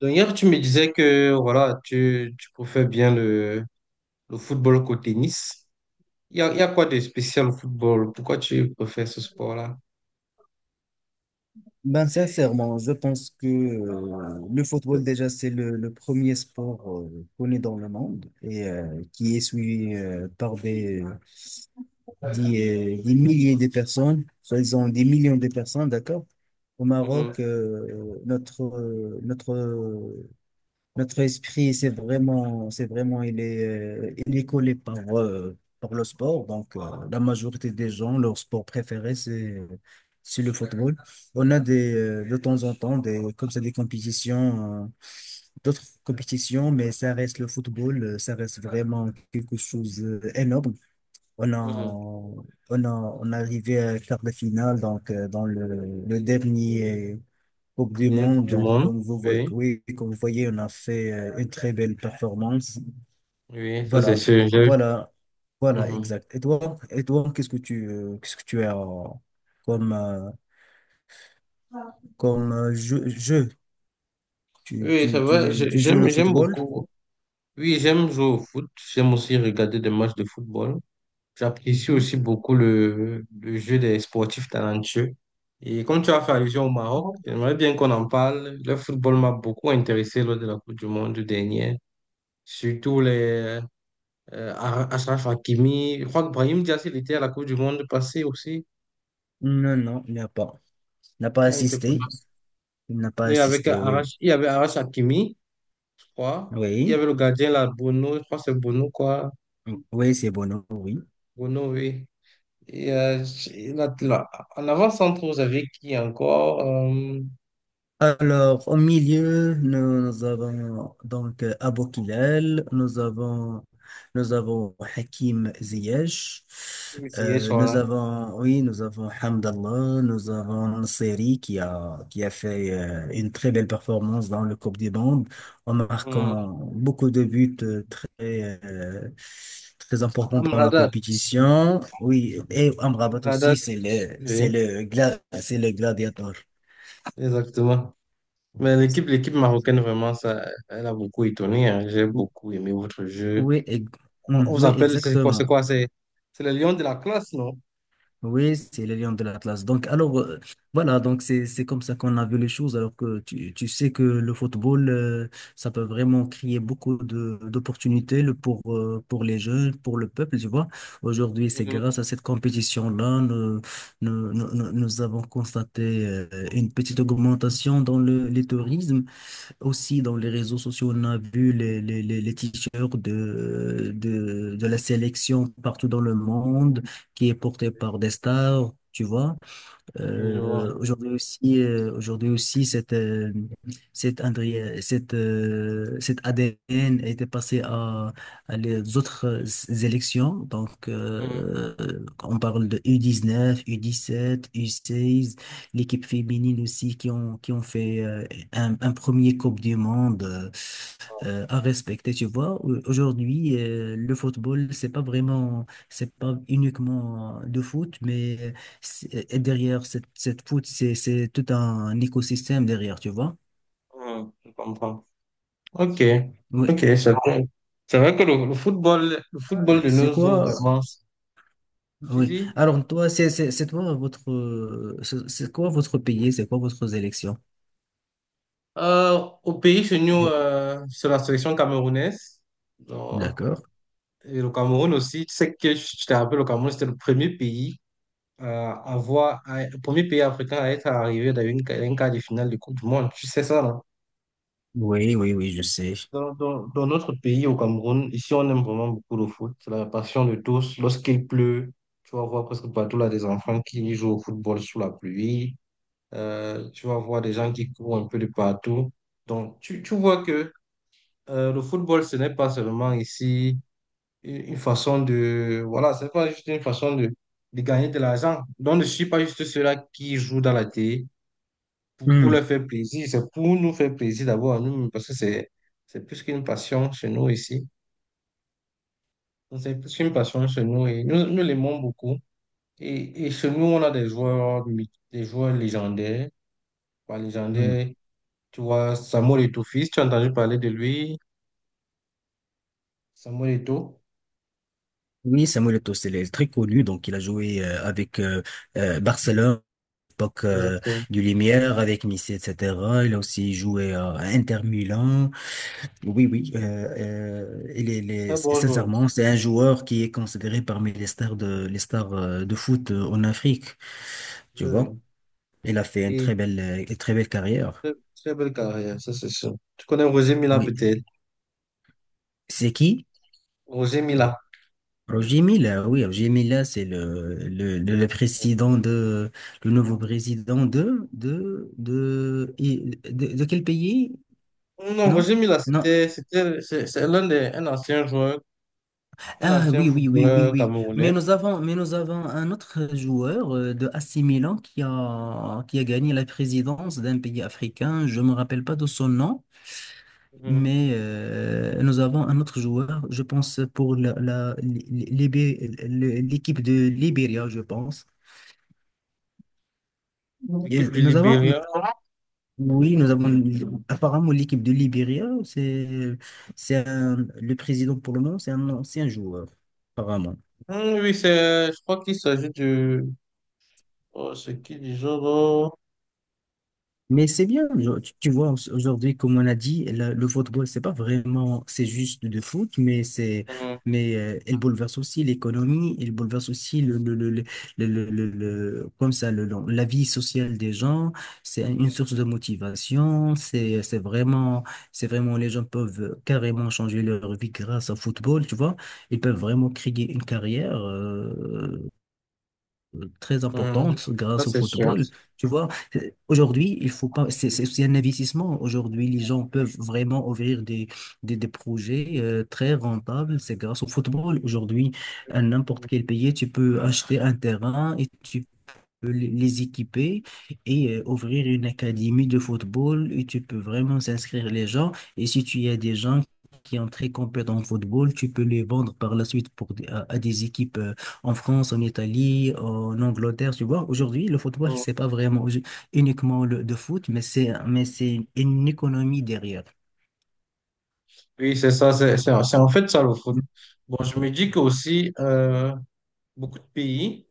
Donc hier, tu me disais que voilà, tu préfères bien le football qu'au tennis. Il y a quoi de spécial au football? Pourquoi tu préfères ce sport-là? Ben, sincèrement, je pense que le football, déjà, c'est le premier sport connu dans le monde et qui est suivi par des milliers de personnes, soi-disant des millions de personnes, d'accord? Au Maroc, Mhm, notre esprit, c'est vraiment, il est collé par le sport. Donc, la majorité des gens, leur sport préféré, c'est le football. On a des, de temps en temps, des, comme ça, des compétitions, d'autres compétitions, mais ça reste le football, ça reste vraiment quelque chose d'énorme. On a, mhm. on a, on est arrivé à quart de finale, donc, dans le dernier Coupe La du dernière Coupe Monde. du Donc, Monde. comme Oui, oui, comme vous voyez, on a fait une très belle performance. oui, ça c'est Voilà, sûr. J'ai- voilà, voilà, mhm. exact. Et toi, qu'est-ce que tu as comme, euh, comme jeu? Tu, Oui, ça tu, va, tu, tu joues le j'aime football? beaucoup. Oui, j'aime jouer au foot. J'aime aussi regarder des matchs de football. J'apprécie Mhm. aussi beaucoup le jeu des sportifs talentueux. Et comme tu as fait allusion au Maroc, j'aimerais bien qu'on en parle. Le football m'a beaucoup intéressé lors de la Coupe du Monde dernière. Surtout les Achraf Hakimi. Je crois que Brahim Diaz, il était à la Coupe du Monde passée aussi. Non, non, il n'a pas. Il n'a pas Ah, il était pas assisté. là. Il n'a pas Mais avec assisté, oui. Arash, il y avait Arash Hakimi, je crois. Il y Oui, avait le gardien là, Bono. Je crois que c'est Bono, quoi. oui, c'est bon, oui. Bono, oui. Et là, là, en avant-centre, vous avez qui encore? Alors, au milieu, nous avons donc Abou Kilal, nous avons Hakim Ziyech, Initié sur là. Oui, nous avons Hamdallah, nous avons Nasseri qui a fait une très belle performance dans le Coupe des bandes en Hmm. marquant beaucoup de buts très importants dans la Amrabat, compétition. Oui, et Amrabat aussi, Amrabat, c'est le, c'est oui, le, gla- c'est le gladiateur. exactement. Mais l'équipe marocaine, vraiment, ça, elle a beaucoup étonné, hein. J'ai beaucoup aimé votre jeu. Oui, On vous oui, appelle, c'est quoi, c'est exactement. quoi, c'est c'est les lions de la classe, non? Oui, c'est les lions de l'Atlas. Donc, alors, voilà, donc c'est comme ça qu'on a vu les choses, alors que tu sais que le football, ça peut vraiment créer beaucoup de d'opportunités pour les jeunes, pour le peuple, tu vois. Aujourd'hui, c'est Mhm. grâce à cette compétition-là, nous avons constaté une petite augmentation dans les tourismes. Aussi, dans les réseaux sociaux, on a vu les t-shirts de la sélection partout dans le monde qui est porté par des stars, tu vois. Oui, je vois. Aujourd'hui aussi, cette ADN a été passée à les autres élections. Donc, Mhm. On parle de U19, U17, U16, l'équipe féminine aussi qui ont fait un premier Coupe du Monde à respecter, tu vois. Aujourd'hui, le football, c'est pas vraiment, c'est pas uniquement de foot, mais derrière cette foot, c'est tout un écosystème derrière, tu vois. Mhm, je comprends. Ok, ok, Oui. c'est vrai, c'est vrai que le football de C'est nos jours, quoi? vraiment, tu Oui. dis, Alors, toi, c'est toi, c'est quoi votre pays? C'est quoi votre élection? Au pays chez nous, Vo- sur la sélection camerounaise. D'accord. Et le Cameroun aussi, tu sais, que je te rappelle, le Cameroun, c'était le premier pays à avoir, le premier pays africain à être arrivé dans dans une quart de finale de Coupe du Monde. Tu sais ça, non? Oui, oui, oui, je sais. Dans notre pays, au Cameroun, ici, on aime vraiment beaucoup le foot. C'est la passion de tous. Lorsqu'il pleut, tu vas voir presque partout là des enfants qui jouent au football sous la pluie. Tu vas voir des gens qui courent un peu de partout. Donc, tu vois que le football, ce n'est pas seulement ici une façon de, voilà, c'est pas juste une façon de gagner de l'argent. Donc, je ne suis pas juste ceux-là qui jouent dans la télé pour leur Hmm, faire plaisir. C'est pour nous faire plaisir d'abord à nous, parce que c'est plus qu'une passion chez nous ici. Donc, c'est plus qu'une passion chez nous et nous l'aimons beaucoup. Et chez nous, on a des des joueurs légendaires. Pas hmm. légendaires, tu vois, Samuel Eto'o-Fils, tu as entendu parler de lui, Samuel Eto'o. Oui, Samuel Eto'o, très connu, donc il a joué avec Barcelone. L'époque Exactement. du Lumière avec Nice, etc. Il a aussi joué à Inter Milan. Oui, oui. Très bon joueur. sincèrement, c'est un joueur qui est considéré parmi les stars les stars de foot en Afrique. Tu vois, Oui, il a fait une oui. très belle, euh, une très belle carrière. Très très belle carrière, ça c'est sûr. Tu connais Roger Mila Oui. peut-être? C'est qui? Roger Mila. Roger Milla. Oui, Roger Milla, c'est le président de, le nouveau président de quel pays? Non, Non, Roger Mila, non? c'était, c'était, c'est c'est l'un des, un ancien joueur, un Ah ancien oui, oui, oui, oui, footballeur oui. Mais camerounais. nous avons, mais nous avons un autre joueur de AC Milan qui a gagné la présidence d'un pays africain. Je ne me rappelle pas de son nom, Mhm. mais nous avons un autre joueur, je pense, pour l'équipe de Libéria, je pense. L'équipe Et du Libéria. oui, nous avons apparemment l'équipe de Libéria, c'est le président pour le moment, c'est un ancien joueur, apparemment. Oui, c'est, je crois qu'il s'agit du, oh, c'est qui du genre, oh, Mais c'est bien, genre, tu vois, aujourd'hui, comme on a dit, le football, c'est pas vraiment, c'est juste de foot, mais hum, elle bouleverse aussi l'économie, elle bouleverse aussi comme ça, la vie sociale des gens, c'est une source de motivation, c'est vraiment, les gens peuvent carrément changer leur vie grâce au football, tu vois, ils peuvent vraiment créer une carrière, très hum, importante ça grâce au c'est sûr. football. Tu vois, euh, aujourd'hui, il faut pas, c'est aussi un investissement. Aujourd'hui, les gens peuvent vraiment ouvrir des projets très rentables. C'est grâce au football. Aujourd'hui, à n'importe quel pays, tu peux acheter un terrain et tu peux les équiper et ouvrir une académie de football et tu peux vraiment s'inscrire les gens. Et si tu as des gens qui sont très compétents en football, tu peux les vendre par la suite à des équipes en France, en Italie, en Angleterre, tu vois. Aujourd'hui, le football, Hum. c'est pas vraiment uniquement le de foot, mais c'est une économie derrière. Oui, c'est ça, c'est en fait ça le foot. Bon, je me dis qu'aussi, beaucoup de pays,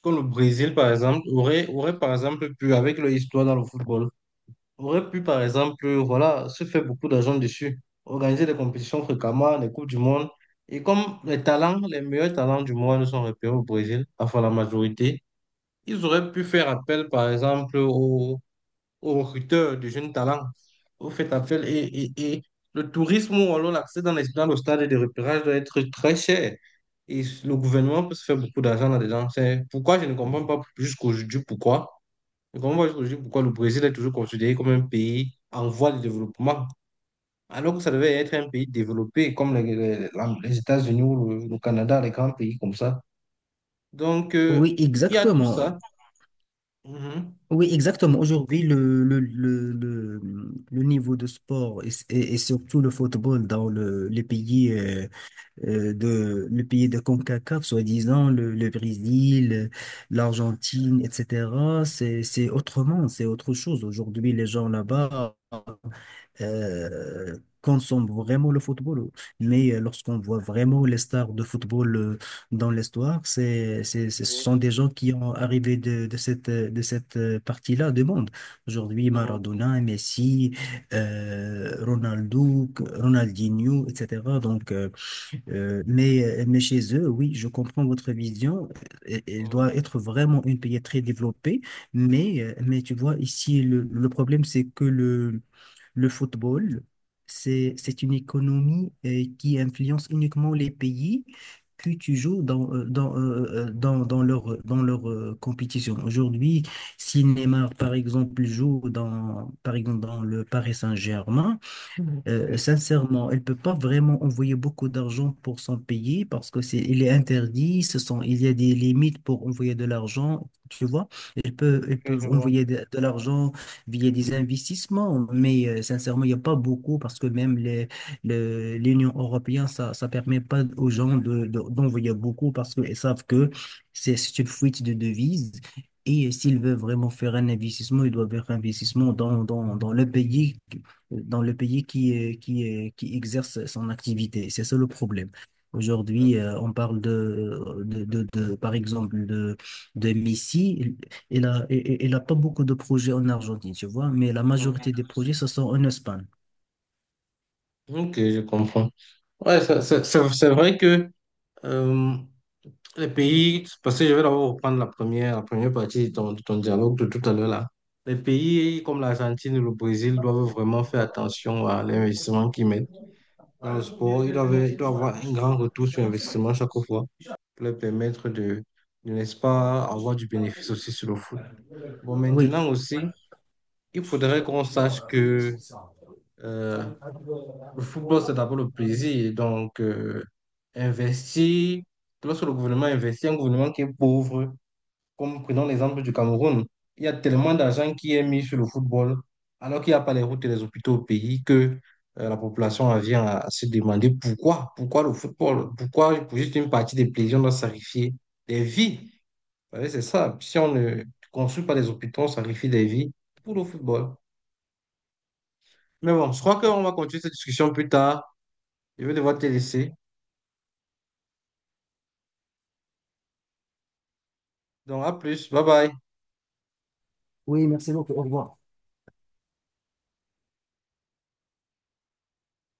comme le Brésil, par exemple, aurait, par exemple, pu, avec leur histoire dans le football, aurait pu, par exemple, voilà, se faire beaucoup d'argent dessus, organiser des compétitions fréquemment, des Coupes du Monde. Et comme les talents, les meilleurs talents du monde sont repérés au Brésil, enfin la majorité, ils auraient pu faire appel, par exemple, aux, aux recruteurs de jeunes talents. Vous faites appel et le tourisme ou alors l'accès dans le stade de repérage doit être très cher. Et le gouvernement peut se faire beaucoup d'argent là-dedans. C'est pourquoi je ne comprends pas jusqu'aujourd'hui pourquoi. Je ne comprends pas jusqu'aujourd'hui pourquoi le Brésil est toujours considéré comme un pays en voie de développement, alors que ça devait être un pays développé comme les États-Unis ou le Canada, les grands pays comme ça. Donc, Oui, il y a tout exactement. ça. Mhm. Oui, exactement. Aujourd'hui, le niveau de sport et surtout le football dans les pays de les pays de CONCACAF, soi-disant le Brésil, l'Argentine, etc. C'est autrement, c'est autre chose. Aujourd'hui, les gens là-bas euh, consomment vraiment le football. Mais lorsqu'on voit vraiment les stars de football dans l'histoire, ce Oui, sont des gens qui ont arrivé de cette, partie-là du monde. Aujourd'hui, mhm, Maradona, Messi, Ronaldo, Ronaldinho, etc. Donc, mais chez eux, oui, je comprends votre vision. Elle mhm. doit être vraiment une pays très développée. Mais, tu vois, ici, le problème, c'est que le football, c'est une économie qui influence uniquement les pays que tu joues dans leur compétition. Aujourd'hui, si Neymar, par exemple, joue dans, par exemple, dans le Paris Saint-Germain, Oui, sincèrement, elle peut pas vraiment envoyer beaucoup d'argent pour son pays parce que c'est, il est interdit, ce sont, il y a des limites pour envoyer de l'argent, tu vois. Elle peut, ok, elle peut je vois. envoyer de l'argent via des investissements, mais sincèrement, il n'y a pas beaucoup parce que même l'Union européenne, ça permet pas aux gens d'envoyer beaucoup parce qu'ils savent que c'est une fuite de devises. Et s'ils veulent Mhm. vraiment faire un investissement, ils doivent faire un investissement dans le pays qui exerce son activité. C'est ça le problème. Aujourd'hui, on parle par exemple, de Messi. Il n'a il, il a pas beaucoup de projets en Argentine, tu vois, mais la Mhm. majorité des projets, ce sont en Espagne. Ok, je comprends. Ouais, c'est vrai que euh, les pays, parce que je vais d'abord reprendre la première partie de de ton dialogue de tout à l'heure là. Les pays comme l'Argentine et le Brésil doivent vraiment faire attention à l'investissement qu'ils mettent dans le sport. Ils doivent avoir un grand retour sur investissement chaque fois pour leur permettre de, n'est-ce pas, avoir du bénéfice aussi sur le foot. Bon, maintenant Oui, aussi, il faudrait qu'on sache que euh, le football, c'est d'abord le plaisir. Donc, investir, lorsque le gouvernement investit, un gouvernement qui est pauvre, comme prenons l'exemple du Cameroun, il y a tellement d'argent qui est mis sur le football, alors qu'il n'y a pas les routes et les hôpitaux au pays, que la population en vient à se demander pourquoi, pourquoi le football, pourquoi pour juste une partie des plaisirs, on doit sacrifier des vies. Vous savez, c'est ça. Si on ne construit pas des hôpitaux, on sacrifie des vies pour le football. Mais bon, je crois qu'on va continuer cette discussion plus tard. Je vais devoir te laisser. Donc à plus, bye bye. oui, merci beaucoup. Au revoir.